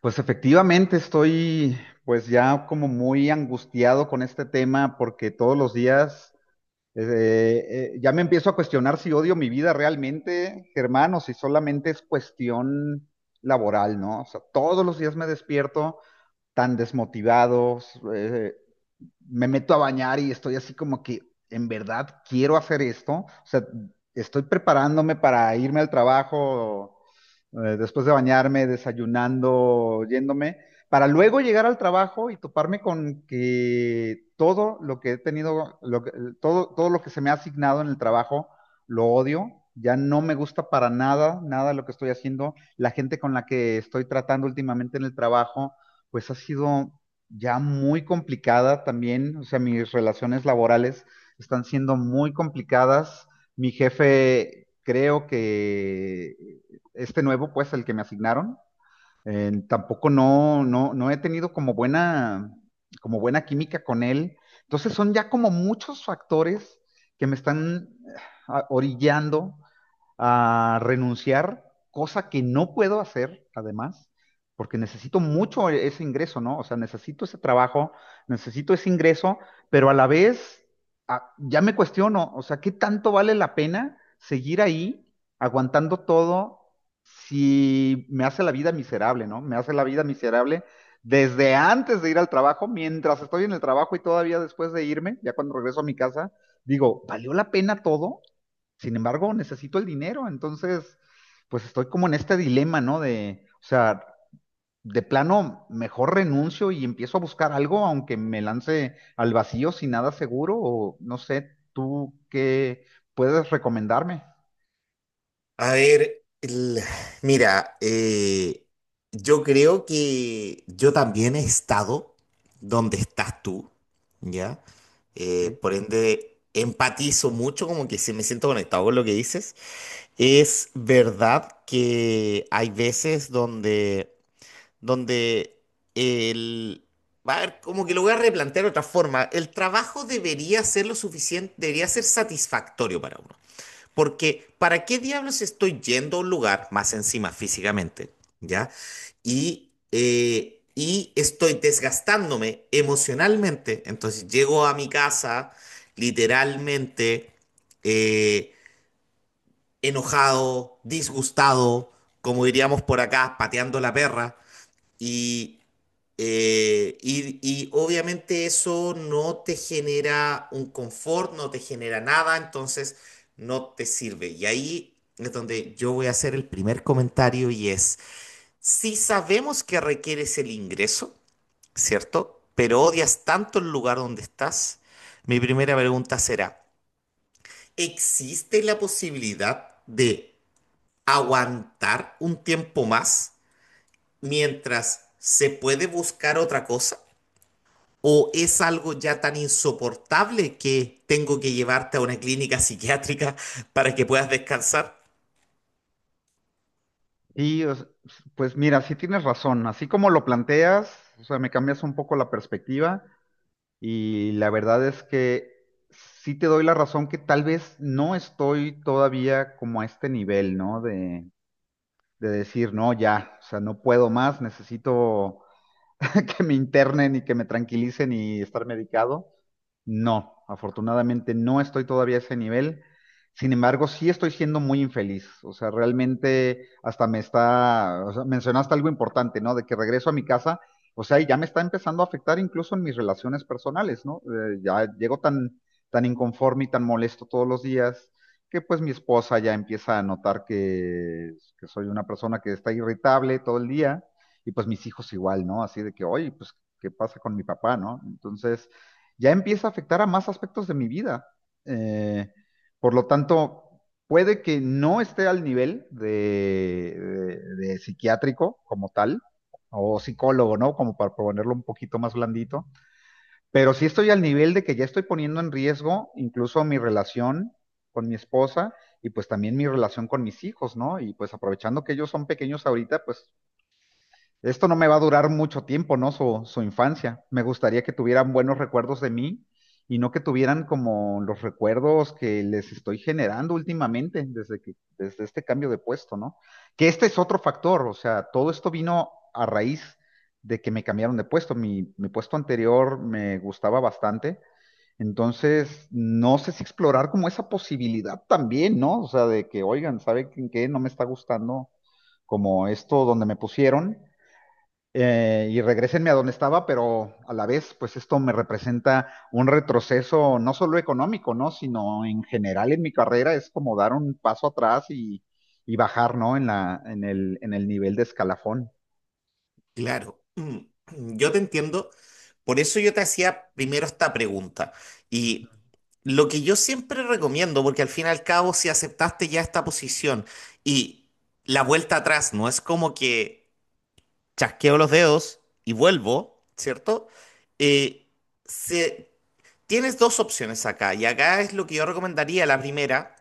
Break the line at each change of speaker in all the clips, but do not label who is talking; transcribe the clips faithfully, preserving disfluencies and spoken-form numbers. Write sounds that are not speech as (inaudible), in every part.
Pues efectivamente estoy pues ya como muy angustiado con este tema porque todos los días eh, eh, ya me empiezo a cuestionar si odio mi vida realmente, Germán, o si solamente es cuestión laboral, ¿no? O sea, todos los días me despierto tan desmotivado, eh, me meto a bañar y estoy así como que, en verdad, quiero hacer esto. O sea, estoy preparándome para irme al trabajo, eh, después de bañarme, desayunando, yéndome, para luego llegar al trabajo y toparme con que todo lo que he tenido, lo que- todo, todo lo que se me ha asignado en el trabajo, lo odio. Ya no me gusta para nada, nada lo que estoy haciendo. La gente con la que estoy tratando últimamente en el trabajo, pues ha sido ya muy complicada también, o sea, mis relaciones laborales están siendo muy complicadas. Mi jefe, creo que este nuevo, pues, el que me asignaron, eh, tampoco no, no, no he tenido como buena, como buena química con él. Entonces son ya como muchos factores que me están ah, orillando a renunciar, cosa que no puedo hacer, además, porque necesito mucho ese ingreso, ¿no? O sea, necesito ese trabajo, necesito ese ingreso, pero a la vez a- ya me cuestiono, o sea, ¿qué tanto vale la pena seguir ahí aguantando todo si me hace la vida miserable, ¿no? Me hace la vida miserable desde antes de ir al trabajo, mientras estoy en el trabajo y todavía después de irme, ya cuando regreso a mi casa, digo, ¿valió la pena todo? Sin embargo, necesito el dinero, entonces, pues estoy como en este dilema, ¿no? De, o sea, de plano, mejor renuncio y empiezo a buscar algo, aunque me lance al vacío sin nada seguro, o no sé, tú qué puedes recomendarme.
A ver, el- mira, eh, yo creo que yo también he estado donde estás tú, ¿ya?
Ok.
Eh, por ende, empatizo mucho, como que sí me siento conectado con lo que dices. Es verdad que hay veces donde, donde el... A ver, como que lo voy a replantear de otra forma. El trabajo debería ser lo suficiente, debería ser satisfactorio para uno. Porque, ¿para qué diablos estoy yendo a un lugar, más encima físicamente? ¿Ya? Y, eh, y estoy desgastándome emocionalmente. Entonces llego a mi casa literalmente, eh, enojado, disgustado, como diríamos por acá, pateando la perra. Y, eh, y, y obviamente eso no te genera un confort, no te genera nada, entonces no te sirve. Y ahí es donde yo voy a hacer el primer comentario, y es, si sabemos que requieres el ingreso, ¿cierto? Pero odias tanto el lugar donde estás, mi primera pregunta será: ¿existe la posibilidad de aguantar un tiempo más mientras se puede buscar otra cosa? ¿O es algo ya tan insoportable que tengo que llevarte a una clínica psiquiátrica (laughs) para que puedas descansar?
Y o s- pues mira, sí tienes razón, así como lo planteas, o sea, me cambias un poco la perspectiva y la verdad es que sí te doy la razón que tal vez no estoy todavía como a este nivel, ¿no? De, de decir, no, ya, o sea, no puedo más, necesito (laughs) que me internen y que me tranquilicen y estar medicado. No, afortunadamente no estoy todavía a ese nivel. Sin embargo, sí estoy siendo muy infeliz. O sea, realmente hasta me está, o sea, mencionaste algo importante, ¿no? De que regreso a mi casa, o sea, y ya me está empezando a afectar incluso en mis relaciones personales, ¿no? Eh, ya llego tan, tan inconforme y tan molesto todos los días que pues mi esposa ya empieza a notar que, que soy una persona que está irritable todo el día y pues mis hijos igual, ¿no? Así de que, oye, pues, ¿qué pasa con mi papá, no? Entonces ya empieza a afectar a más aspectos de mi vida. Eh, por lo tanto, puede que no esté al nivel de, de- de psiquiátrico como tal, o psicólogo, ¿no? Como para ponerlo un poquito más blandito, pero sí estoy al nivel de que ya estoy poniendo en riesgo incluso mi relación con mi esposa y pues también mi relación con mis hijos, ¿no? Y pues aprovechando que ellos son pequeños ahorita, pues esto no me va a durar mucho tiempo, ¿no? Su, su infancia. Me gustaría que tuvieran buenos recuerdos de mí y no que tuvieran como los recuerdos que les estoy generando últimamente desde que, desde este cambio de puesto, ¿no? Que este es otro factor, o sea, todo esto vino a raíz de que me cambiaron de puesto. Mi, mi puesto anterior me gustaba bastante. Entonces, no sé si explorar como esa posibilidad también, ¿no? O sea, de que, oigan, ¿saben qué? No me está gustando como esto donde me pusieron eh, y regresenme a donde estaba, pero a la vez, pues esto me representa un retroceso no solo económico, ¿no? Sino en general en mi carrera es como dar un paso atrás y, y bajar, ¿no? En la, en el, en el nivel de escalafón.
Claro, mm, yo te entiendo. Por eso yo te hacía primero esta pregunta. Y lo que yo siempre recomiendo, porque al fin y al cabo, si aceptaste ya esta posición y la vuelta atrás no es como que chasqueo los dedos y vuelvo, ¿cierto? Eh, se- tienes dos opciones acá. Y acá es lo que yo recomendaría. La primera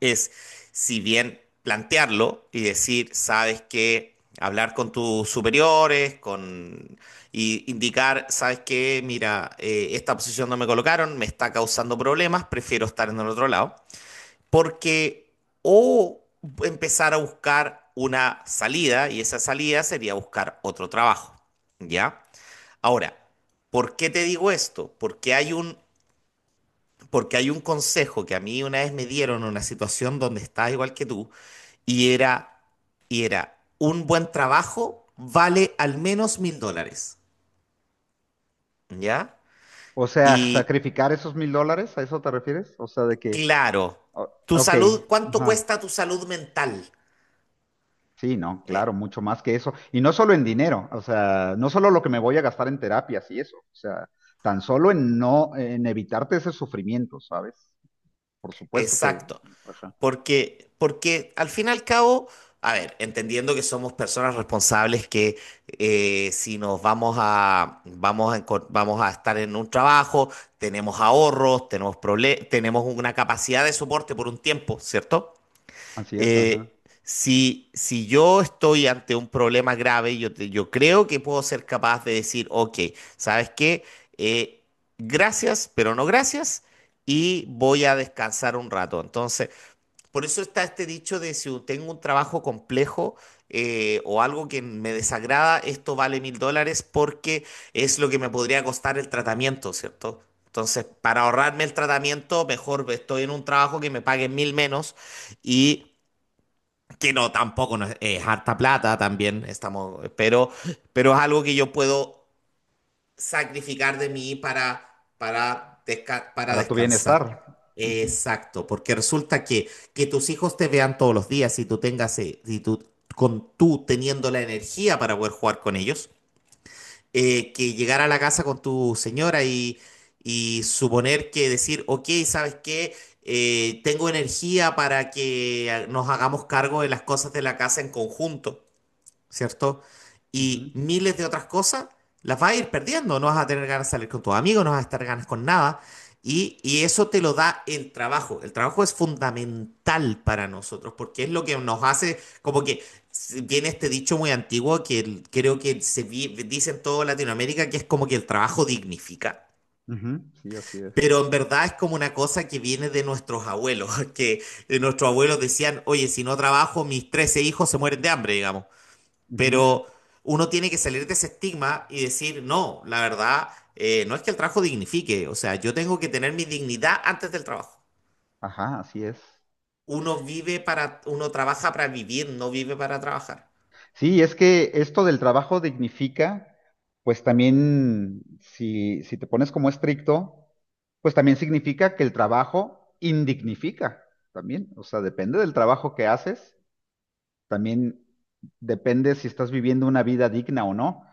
es, si bien plantearlo y decir, sabes que, hablar con tus superiores, con, y indicar, sabes que, mira, eh, esta posición no me colocaron, me está causando problemas, prefiero estar en el otro lado, porque, o empezar a buscar una salida, y esa salida sería buscar otro trabajo, ¿ya? Ahora, ¿por qué te digo esto? Porque hay un porque hay un consejo que a mí una vez me dieron en una situación donde estaba igual que tú, y era, y era, un buen trabajo vale al menos mil dólares, ¿ya?
O sea,
Y
sacrificar esos mil dólares, ¿a eso te refieres? O sea, de que,
claro,
o-
tu
ok,
salud, ¿cuánto
ajá,
cuesta tu salud mental?
sí, no,
Eh,
claro, mucho más que eso. Y no solo en dinero, o sea, no solo lo que me voy a gastar en terapias y eso, o sea, tan solo en no, en evitarte ese sufrimiento, ¿sabes? Por supuesto que,
exacto,
ajá,
porque, porque al fin y al cabo, a ver, entendiendo que somos personas responsables que, eh, si nos vamos a, vamos a, encon- vamos a estar en un trabajo, tenemos ahorros, tenemos, prole- tenemos una capacidad de soporte por un tiempo, ¿cierto?
así es, ajá,
eh, si, si yo estoy ante un problema grave, yo, te- yo creo que puedo ser capaz de decir: ok, ¿sabes qué? Eh, gracias, pero no gracias, y voy a descansar un rato. Entonces, por eso está este dicho de, si tengo un trabajo complejo, eh, o algo que me desagrada, esto vale mil dólares, porque es lo que me podría costar el tratamiento, ¿cierto? Entonces, para ahorrarme el tratamiento, mejor estoy en un trabajo que me paguen mil menos. Y que no, tampoco no es, es harta plata también, estamos, pero, pero es algo que yo puedo sacrificar de mí para, para, desca- para
para tu
descansar.
bienestar. Ujú,
Exacto, porque resulta que, que tus hijos te vean todos los días y tú tengas, eh, y tú, con tú teniendo la energía para poder jugar con ellos, eh, que llegar a la casa con tu señora, y, y suponer que decir: ok, ¿sabes qué? Eh, tengo energía para que nos hagamos cargo de las cosas de la casa en conjunto, ¿cierto? Y
ujú,
miles de otras cosas las vas a ir perdiendo. No vas a tener ganas de salir con tus amigos, no vas a estar ganas con nada. Y, y eso te lo da el trabajo. El trabajo es fundamental para nosotros, porque es lo que nos hace, como que s- viene este dicho muy antiguo, que el- creo que se vi- dice en toda Latinoamérica, que es como que el trabajo dignifica.
ujú, sí, así es.
Pero en verdad es como una cosa que viene de nuestros abuelos, (laughs) que eh, nuestros abuelos decían: oye, si no trabajo, mis trece hijos se mueren de hambre, digamos.
Ujú,
Pero uno tiene que salir de ese estigma y decir: no, la verdad, eh, no es que el trabajo dignifique, o sea, yo tengo que tener mi dignidad antes del trabajo.
ajá, así es.
Uno vive para, uno trabaja para vivir, no vive para trabajar.
Sí, es que esto del trabajo dignifica, pues también, si, si te pones como estricto, pues también significa que el trabajo indignifica, también. O sea, depende del trabajo que haces, también depende si estás viviendo una vida digna o no.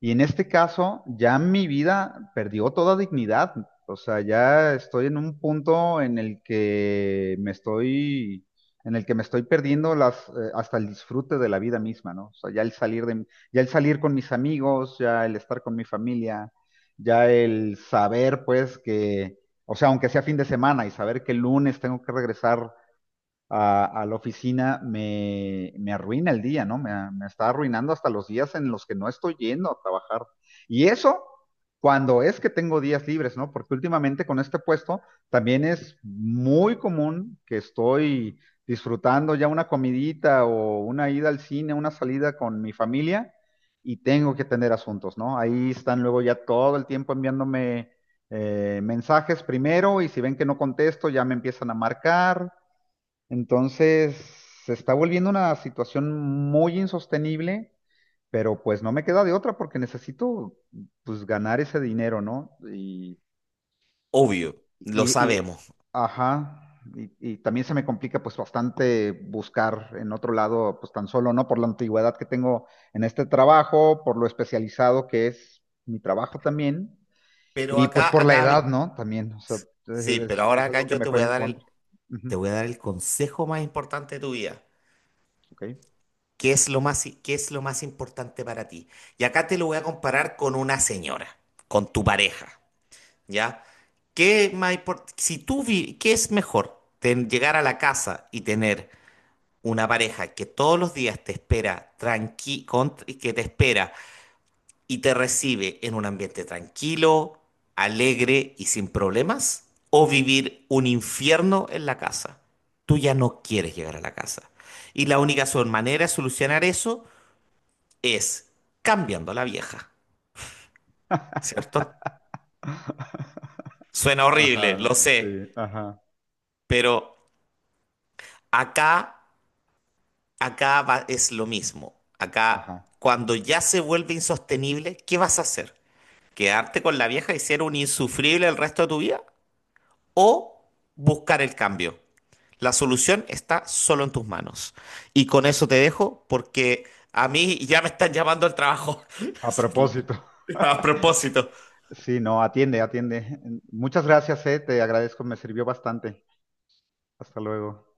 Y en este caso, ya mi vida perdió toda dignidad. O sea, ya estoy en un punto en el que me estoy, en el que me estoy perdiendo las, eh, hasta el disfrute de la vida misma, ¿no? O sea, ya el salir de, ya el salir con mis amigos, ya el estar con mi familia, ya el saber, pues, que, o sea, aunque sea fin de semana y saber que el lunes tengo que regresar a, a la oficina me, me arruina el día, ¿no? Me, me está arruinando hasta los días en los que no estoy yendo a trabajar. Y eso cuando es que tengo días libres, ¿no? Porque últimamente con este puesto también es muy común que estoy disfrutando ya una comidita o una ida al cine, una salida con mi familia y tengo que atender asuntos, ¿no? Ahí están luego ya todo el tiempo enviándome eh, mensajes primero y si ven que no contesto ya me empiezan a marcar entonces, se está volviendo una situación muy insostenible, pero pues no me queda de otra porque necesito pues ganar ese dinero, ¿no? Y, y,
Obvio, lo
y- y-
sabemos.
ajá. Y, y también se me complica pues bastante buscar en otro lado, pues tan solo, ¿no? Por la antigüedad que tengo en este trabajo, por lo especializado que es mi trabajo también,
Pero
y pues
acá,
por la
acá, vi-
edad, ¿no? También, o sea,
sí, pero
es,
ahora
es
acá
algo que
yo
me
te voy
juega
a
en
dar el,
contra. Ujú,
te voy a dar el consejo más importante de tu vida.
ok.
¿Qué es lo más, i- qué es lo más importante para ti? Y acá te lo voy a comparar con una señora, con tu pareja. ¿Ya? ¿Qué más import- Si tú vi- ¿qué es mejor? Ten- llegar a la casa y tener una pareja que todos los días te espera tranqui con- que te espera y te recibe en un ambiente tranquilo, alegre y sin problemas, o vivir un infierno en la casa. Tú ya no quieres llegar a la casa. Y la única sol- manera de solucionar eso es cambiando a la vieja, ¿cierto?
(laughs)
Suena horrible,
Ajá,
lo sé,
sí, ajá,
pero acá, Acá va- es lo mismo. Acá,
ajá.
cuando ya se vuelve insostenible, ¿qué vas a hacer? ¿Quedarte con la vieja y ser un insufrible el resto de tu vida? ¿O buscar el cambio? La solución está solo en tus manos. Y con eso te dejo porque a mí ya me están llamando al trabajo. (laughs)
A propósito.
A
(laughs)
propósito.
Sí, no, atiende, atiende. Muchas gracias, eh, te agradezco, me sirvió bastante. Hasta luego.